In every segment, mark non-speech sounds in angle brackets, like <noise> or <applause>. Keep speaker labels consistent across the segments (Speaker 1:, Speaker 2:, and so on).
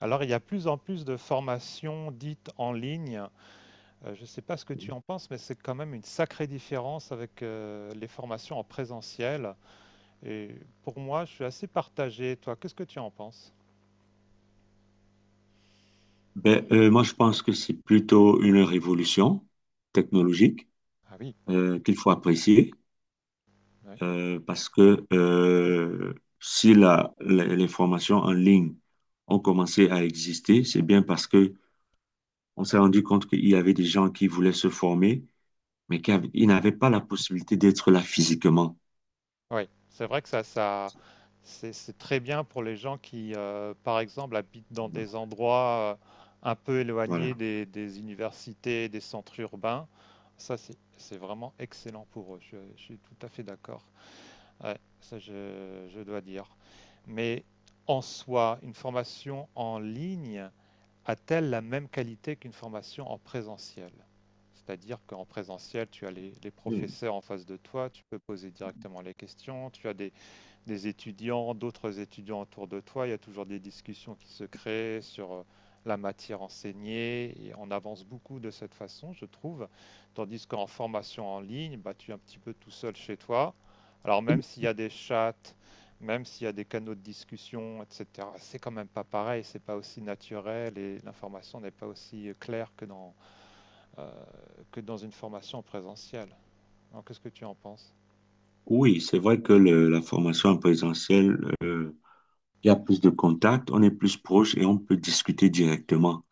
Speaker 1: Alors, il y a plus en plus de formations dites en ligne. Je ne sais pas ce que tu en penses, mais c'est quand même une sacrée différence avec les formations en présentiel. Et pour moi, je suis assez partagé. Toi, qu'est-ce que tu en penses?
Speaker 2: Moi, je pense que c'est plutôt une révolution technologique
Speaker 1: Ah oui,
Speaker 2: qu'il faut apprécier
Speaker 1: oui,
Speaker 2: parce que si les formations en ligne ont commencé à exister, c'est bien parce que on s'est rendu compte qu'il y avait des gens qui voulaient se former, mais
Speaker 1: ouais.
Speaker 2: ils n'avaient pas la possibilité d'être là physiquement.
Speaker 1: Oui, c'est vrai que ça, c'est très bien pour les gens qui, par exemple, habitent dans des endroits un peu éloignés
Speaker 2: Voilà.
Speaker 1: des universités, des centres urbains. Ça, c'est vraiment excellent pour eux. Je suis tout à fait d'accord. Ouais, ça je dois dire. Mais en soi, une formation en ligne a-t-elle la même qualité qu'une formation en présentiel? C'est-à-dire qu'en présentiel, tu as les
Speaker 2: Mm.
Speaker 1: professeurs en face de toi, tu peux poser directement les questions, tu as des étudiants, d'autres étudiants autour de toi. Il y a toujours des discussions qui se créent sur la matière enseignée et on avance beaucoup de cette façon, je trouve. Tandis qu'en formation en ligne, bah, tu es un petit peu tout seul chez toi. Alors même s'il y a des chats, même s'il y a des canaux de discussion, etc., c'est quand même pas pareil, c'est pas aussi naturel et l'information n'est pas aussi claire que euh, que dans une formation présentielle. Alors qu'est-ce que tu en penses?
Speaker 2: Oui, c'est vrai que la formation en présentiel, il y a plus de contact, on est plus proche et on peut discuter directement.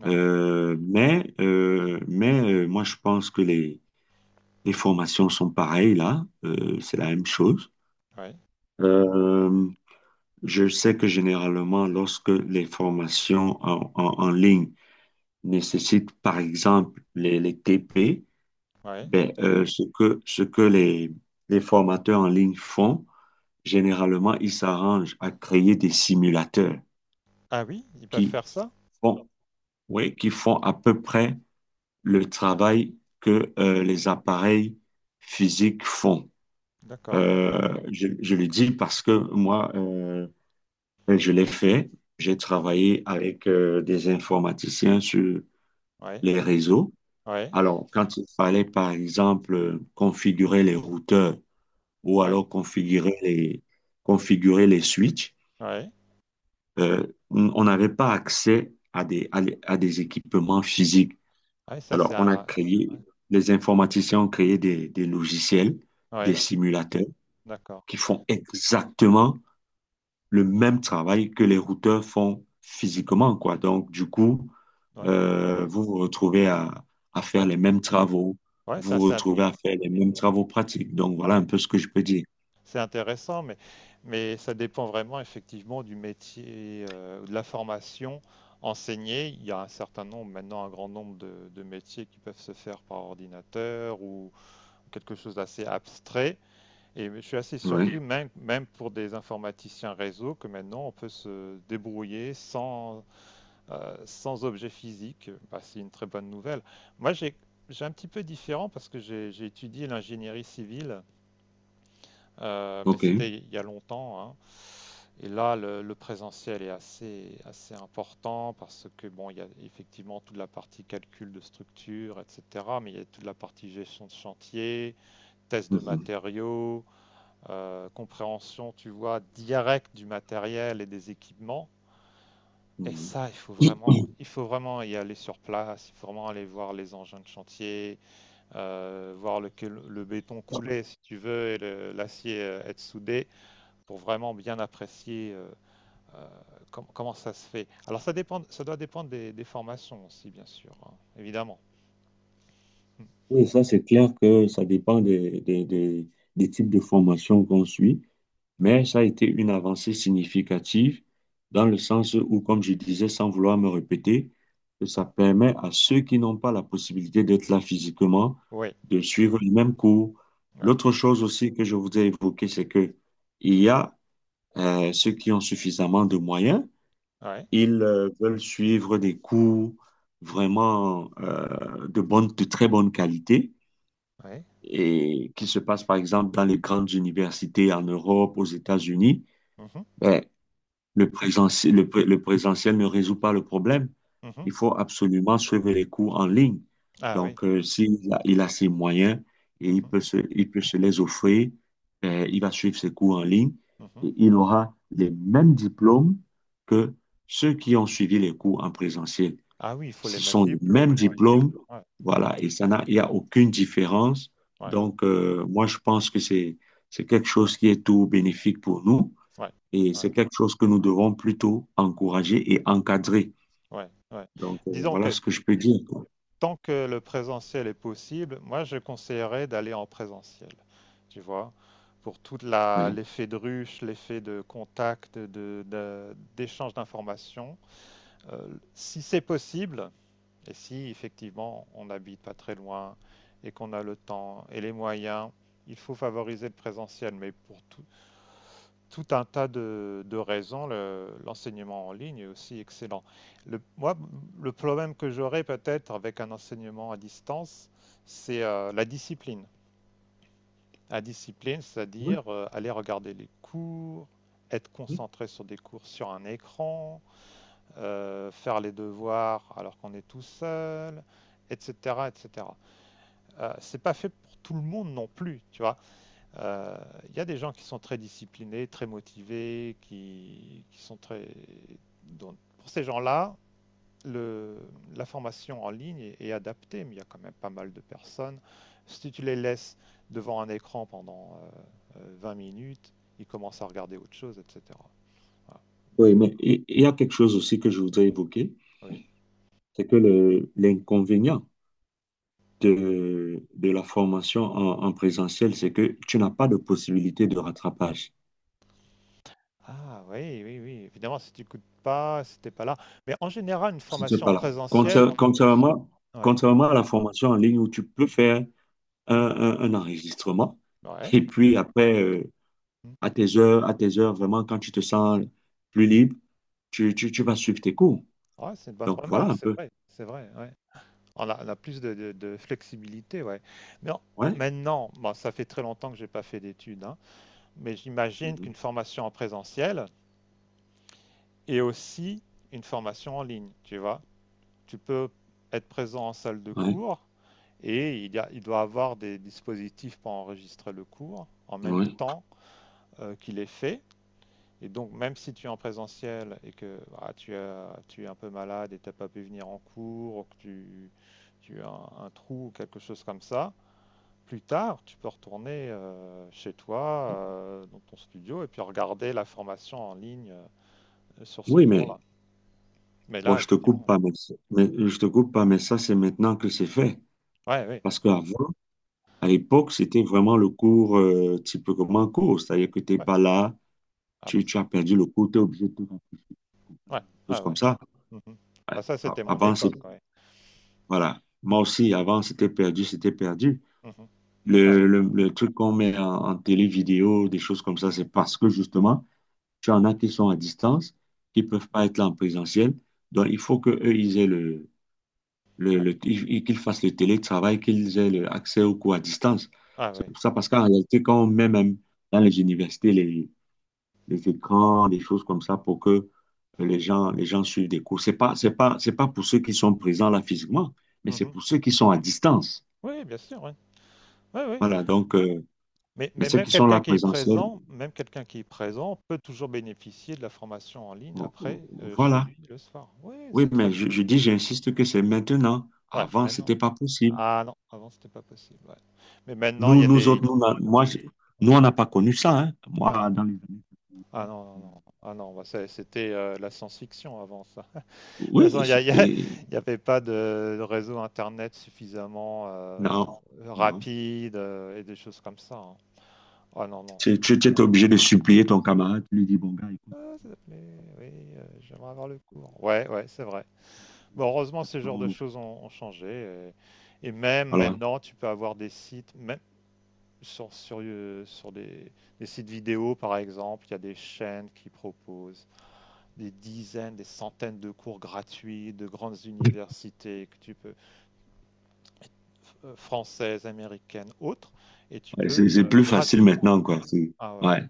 Speaker 1: Ouais,
Speaker 2: Mais moi, je pense que les formations sont pareilles là. C'est la même chose.
Speaker 1: ouais,
Speaker 2: Euh, je sais que généralement, lorsque les formations en ligne nécessitent, par exemple, les TP,
Speaker 1: ouais.
Speaker 2: ce que les formateurs en ligne font, généralement, ils s'arrangent à créer des simulateurs
Speaker 1: Ah oui, ils peuvent
Speaker 2: qui
Speaker 1: faire ça?
Speaker 2: font, oui, qui font à peu près le travail que les appareils physiques font.
Speaker 1: D'accord.
Speaker 2: Je le dis parce que moi, je l'ai fait. J'ai travaillé avec des informaticiens sur
Speaker 1: Ouais,
Speaker 2: les réseaux.
Speaker 1: ouais,
Speaker 2: Alors, quand il fallait, par exemple, configurer les routeurs ou
Speaker 1: ouais,
Speaker 2: alors configurer configurer les switches,
Speaker 1: ouais.
Speaker 2: on n'avait pas accès à des, à des à des équipements physiques.
Speaker 1: Ouais, ça c'est
Speaker 2: Alors, on a
Speaker 1: un... Ouais,
Speaker 2: créé, les informaticiens ont créé des logiciels, des
Speaker 1: ouais,
Speaker 2: simulateurs
Speaker 1: d'accord.
Speaker 2: qui font exactement le
Speaker 1: Euh,
Speaker 2: même travail que les routeurs font physiquement, quoi. Donc, du coup,
Speaker 1: Ouais,
Speaker 2: vous vous retrouvez à faire
Speaker 1: ouais,
Speaker 2: les mêmes travaux,
Speaker 1: ouais,
Speaker 2: vous
Speaker 1: ça
Speaker 2: vous retrouvez à faire les mêmes travaux pratiques. Donc, voilà un
Speaker 1: ouais,
Speaker 2: peu ce que je peux dire.
Speaker 1: c'est intéressant, mais ça dépend vraiment effectivement du métier, de la formation enseignée. Il y a un certain nombre, maintenant un grand nombre de métiers qui peuvent se faire par ordinateur ou quelque chose d'assez abstrait. Et je suis assez
Speaker 2: Ouais. Oui,
Speaker 1: surpris, même, même pour des informaticiens réseau, que maintenant on peut se débrouiller sans sans objet physique, bah, c'est une très bonne nouvelle. Moi, j'ai un petit peu différent parce que j'ai étudié l'ingénierie civile, mais
Speaker 2: OK.
Speaker 1: c'était il y a longtemps, hein. Et là, le présentiel est assez important parce que, bon, il y a effectivement toute la partie calcul de structure, etc. Mais il y a toute la partie gestion de chantier, test de
Speaker 2: Mhm.
Speaker 1: matériaux, compréhension, tu vois, directe du matériel et des équipements. Et
Speaker 2: Mhm.
Speaker 1: ça, il faut vraiment y aller sur place, il faut vraiment aller voir les engins de chantier, voir le béton couler si tu veux et l'acier être soudé pour vraiment bien apprécier euh, comment ça se fait. Alors ça dépend, ça doit dépendre des formations aussi, bien sûr, hein, évidemment. Mm.
Speaker 2: Oui, ça, c'est clair que ça dépend des types de formations qu'on suit.
Speaker 1: Ouais.
Speaker 2: Mais ça a été une avancée significative dans le sens où, comme je disais, sans vouloir me répéter, que ça permet à ceux qui n'ont pas la possibilité d'être là physiquement
Speaker 1: Oui,
Speaker 2: de suivre le même cours.
Speaker 1: oui,
Speaker 2: L'autre chose aussi que je voudrais évoquer, c'est que il y a ceux qui ont suffisamment de moyens,
Speaker 1: oui,
Speaker 2: ils veulent suivre des cours vraiment de de très bonne qualité
Speaker 1: oui.
Speaker 2: et qui se passent par exemple dans les grandes universités en Europe, aux États-Unis.
Speaker 1: Mhm,
Speaker 2: Ben, le présentiel, le présentiel ne résout pas le problème.
Speaker 1: mhm.
Speaker 2: Il faut absolument suivre les cours en ligne.
Speaker 1: Ah oui.
Speaker 2: Donc,
Speaker 1: Mm,
Speaker 2: il a ses moyens et il
Speaker 1: mhm,
Speaker 2: peut il peut se les offrir, il va suivre ses cours en ligne
Speaker 1: mhm.
Speaker 2: et il aura les mêmes diplômes que ceux qui ont suivi les cours en présentiel.
Speaker 1: Ah oui, il faut les
Speaker 2: Ce
Speaker 1: mêmes
Speaker 2: sont les
Speaker 1: diplômes.
Speaker 2: mêmes
Speaker 1: Ouais,
Speaker 2: diplômes,
Speaker 1: ouais,
Speaker 2: voilà, et ça n'a, il n'y a aucune différence.
Speaker 1: ouais,
Speaker 2: Donc, je pense que c'est quelque chose qui est tout bénéfique pour nous.
Speaker 1: ouais,
Speaker 2: Et
Speaker 1: ouais,
Speaker 2: c'est quelque chose que nous devons plutôt encourager et encadrer.
Speaker 1: ouais, ouais.
Speaker 2: Donc,
Speaker 1: Disons
Speaker 2: voilà
Speaker 1: que
Speaker 2: ce que je peux dire. Quoi.
Speaker 1: tant que le présentiel est possible, moi je conseillerais d'aller en présentiel, tu vois, pour toute
Speaker 2: Oui.
Speaker 1: l'effet de ruche, l'effet de contact, d'échange d'informations. Euh, Si c'est possible, et si effectivement on n'habite pas très loin et qu'on a le temps et les moyens, il faut favoriser le présentiel, mais pour tout un tas de raisons, l'enseignement en ligne est aussi excellent. Moi, le problème que j'aurais peut-être avec un enseignement à distance, c'est la discipline. La discipline,
Speaker 2: Oui,
Speaker 1: c'est-à-dire aller regarder les cours, être
Speaker 2: oui.
Speaker 1: concentré sur des cours sur un écran, faire les devoirs alors qu'on est tout seul, etc., etc. C'est pas fait pour tout le monde non plus, tu vois. Euh, Il y a des gens qui sont très disciplinés, très motivés, qui sont très. Donc, pour ces gens-là, le- la formation en ligne est adaptée, mais il y a quand même pas mal de personnes. Si tu les laisses devant un écran pendant 20 minutes, ils commencent à regarder autre chose, etc. Voilà.
Speaker 2: Oui, mais il y a quelque chose aussi que je voudrais évoquer,
Speaker 1: Oui.
Speaker 2: c'est que l'inconvénient de la formation en présentiel, c'est que tu n'as pas de possibilité de rattrapage.
Speaker 1: Ah oui, oui, oui. Évidemment, si tu n'écoutes pas, si t'es pas là. Mais en général, une
Speaker 2: Je ne sais
Speaker 1: formation
Speaker 2: pas
Speaker 1: en
Speaker 2: là.
Speaker 1: présentiel,
Speaker 2: Contrairement,
Speaker 1: ouais.
Speaker 2: contrairement à la formation en ligne où tu peux faire
Speaker 1: Mhm.
Speaker 2: un enregistrement
Speaker 1: Ouais.
Speaker 2: et puis après, à
Speaker 1: Mhm.
Speaker 2: tes heures, vraiment, quand tu te sens plus libre, tu vas suivre tes cours.
Speaker 1: Ouais, c'est une bonne
Speaker 2: Donc voilà
Speaker 1: remarque,
Speaker 2: un peu.
Speaker 1: c'est vrai, ouais. On a plus de, de flexibilité, ouais. Mais
Speaker 2: Ouais.
Speaker 1: maintenant, bon, ça fait très longtemps que j'ai pas fait d'études, hein, mais j'imagine
Speaker 2: Mhm.
Speaker 1: qu'une formation en présentiel est aussi une formation en ligne, tu vois. Tu peux être présent en salle de
Speaker 2: Ouais.
Speaker 1: cours et il doit avoir des dispositifs pour enregistrer le cours en même
Speaker 2: Ouais.
Speaker 1: temps qu'il est fait. Et donc, même si tu es en présentiel et que ah, tu es un peu malade et tu n'as pas pu venir en cours, ou que tu as un trou ou quelque chose comme ça, plus tard, tu peux retourner chez toi, dans ton studio, et puis regarder la formation en ligne sur ce
Speaker 2: Oui, mais
Speaker 1: cours-là. Mais
Speaker 2: bon,
Speaker 1: là,
Speaker 2: je te coupe
Speaker 1: effectivement.
Speaker 2: pas, mais, mais je te coupe pas, mais ça, c'est maintenant que c'est fait.
Speaker 1: Ouais, oui.
Speaker 2: Parce qu'avant, à l'époque, c'était vraiment le cours type comme un cours. C'est-à-dire que tu n'es
Speaker 1: Ouais.
Speaker 2: pas là,
Speaker 1: Ah bah, ça-
Speaker 2: tu as perdu le cours, tu es obligé de faire
Speaker 1: ouais.
Speaker 2: quelque chose
Speaker 1: Ah ouais.
Speaker 2: comme ça.
Speaker 1: Mhm. Bah, ça, c'était mon
Speaker 2: Avant, c'est
Speaker 1: époque, ouais.
Speaker 2: voilà.
Speaker 1: Mm.
Speaker 2: Moi aussi, avant, c'était c'était perdu.
Speaker 1: Mhm. Ah, ouais,
Speaker 2: Le truc qu'on met en télé vidéo, des choses comme ça, c'est parce que justement, tu en as qui sont à distance, qui ne peuvent pas être là en présentiel. Donc, il faut qu'eux, ils aient
Speaker 1: ouais.
Speaker 2: qu'ils fassent le télétravail, qu'ils aient le accès aux cours à distance.
Speaker 1: Ah
Speaker 2: C'est
Speaker 1: oui.
Speaker 2: pour ça, parce qu'en réalité, quand on met même dans les universités les écrans, des choses comme ça, pour que les gens suivent des cours, c'est pas pour ceux qui sont présents là physiquement, mais c'est
Speaker 1: Mhm.
Speaker 2: pour ceux qui sont à distance.
Speaker 1: Oui, bien sûr, ouais. Oui, oui.
Speaker 2: Voilà, donc, mais
Speaker 1: Mais
Speaker 2: ceux
Speaker 1: même
Speaker 2: qui sont là
Speaker 1: quelqu'un qui est
Speaker 2: présentiel,
Speaker 1: présent, même quelqu'un qui est présent peut toujours bénéficier de la formation en ligne après, chez
Speaker 2: voilà.
Speaker 1: lui, le soir. Oui,
Speaker 2: Oui,
Speaker 1: c'est très
Speaker 2: mais
Speaker 1: bien. Ouais,
Speaker 2: je dis, j'insiste que c'est maintenant.
Speaker 1: ouais,
Speaker 2: Avant,
Speaker 1: maintenant.
Speaker 2: c'était pas possible.
Speaker 1: Ah non, avant c'était pas possible, ouais. Mais maintenant il
Speaker 2: Nous,
Speaker 1: y a
Speaker 2: nous
Speaker 1: des.
Speaker 2: autres, nous, on moi, je- nous,
Speaker 1: Ouais.
Speaker 2: on n'a pas connu ça. Hein. Moi,
Speaker 1: Ah non,
Speaker 2: dans les années.
Speaker 1: ah non, non, non. Ah non, bah, c'était la science-fiction avant ça. <laughs> De toute façon,
Speaker 2: Oui, c'était.
Speaker 1: il y avait pas de réseau internet suffisamment
Speaker 2: Non, non.
Speaker 1: rapide et des choses comme ça, hein. Ah non, non, c'est
Speaker 2: Tu
Speaker 1: c'est
Speaker 2: étais obligé
Speaker 1: impossible.
Speaker 2: de supplier ton camarade. Tu lui dis, bon, gars, écoute,
Speaker 1: Ah, s'il te plaît, oui, j'aimerais avoir le cours. Ouais, ouais, c'est vrai.
Speaker 2: il y a
Speaker 1: Bon,
Speaker 2: des
Speaker 1: heureusement, ces genres
Speaker 2: explications,
Speaker 1: de choses ont changé. Et même
Speaker 2: voilà.
Speaker 1: maintenant, tu peux avoir des sites. Sur des sites vidéo, par exemple, il y a des chaînes qui proposent des dizaines, des centaines de cours gratuits de grandes universités que tu peux, françaises, américaines, autres, et tu
Speaker 2: Ouais,
Speaker 1: peux
Speaker 2: c'est plus facile
Speaker 1: gratuitement.
Speaker 2: maintenant, quoi.
Speaker 1: Ah ouais.
Speaker 2: Ouais.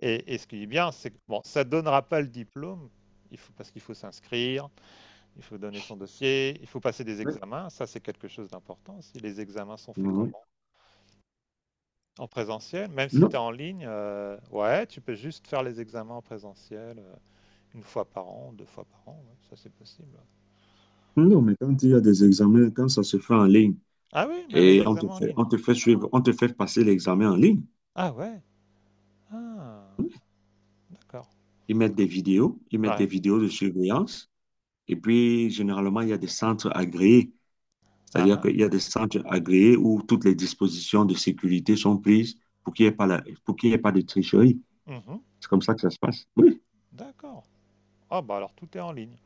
Speaker 1: Et ce qui est bien, c'est que bon, ça ne donnera pas le diplôme, il faut, parce qu'il faut s'inscrire, il faut donner son dossier, il faut passer des
Speaker 2: Ouais.
Speaker 1: examens. Ça, c'est quelque chose d'important. Si les examens sont faits
Speaker 2: Ouais.
Speaker 1: comment? En présentiel, même si tu
Speaker 2: Non,
Speaker 1: es en ligne, ouais, tu peux juste faire les examens en présentiel une fois par an, deux fois par an, ouais, ça c'est possible.
Speaker 2: non, mais quand il y a des examens, quand ça se fait en ligne
Speaker 1: Ah oui, même les
Speaker 2: et
Speaker 1: examens en ligne.
Speaker 2: on te fait suivre, on te fait passer l'examen en ligne.
Speaker 1: Ah ouais, ah, d'accord.
Speaker 2: Ils mettent des
Speaker 1: Ouais,
Speaker 2: vidéos de surveillance. Et puis, généralement, il y a des centres agréés.
Speaker 1: ah,
Speaker 2: C'est-à-dire qu'il
Speaker 1: ah,
Speaker 2: y a des centres agréés où toutes les dispositions de sécurité sont prises pour qu'il n'y ait pas la, pour qu'il y ait pas de tricherie.
Speaker 1: mhm,
Speaker 2: C'est comme ça que ça se passe. Oui,
Speaker 1: d'accord. Ah bah alors tout est en ligne.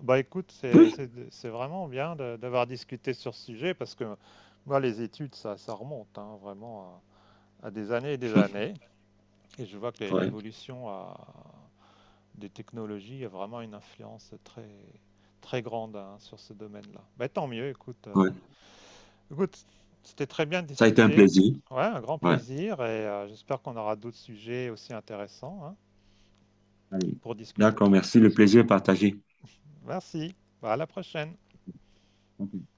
Speaker 1: Bah écoute,
Speaker 2: oui.
Speaker 1: c'est vraiment bien d'avoir discuté sur ce sujet parce que moi les études, ça remonte hein, vraiment à des
Speaker 2: <laughs>
Speaker 1: années. Et je vois que
Speaker 2: Ouais,
Speaker 1: l'évolution a, des technologies a vraiment une influence très, très grande hein, sur ce domaine-là. Bah, tant mieux, écoute.
Speaker 2: ouais.
Speaker 1: Écoute, C'était très bien de
Speaker 2: Ça a été un
Speaker 1: discuter.
Speaker 2: plaisir.
Speaker 1: Ouais, un grand
Speaker 2: Ouais.
Speaker 1: plaisir et j'espère qu'on aura d'autres sujets aussi intéressants hein,
Speaker 2: Allez.
Speaker 1: pour discuter.
Speaker 2: D'accord, merci. Le plaisir est partagé.
Speaker 1: Merci, bah, à la prochaine.
Speaker 2: OK.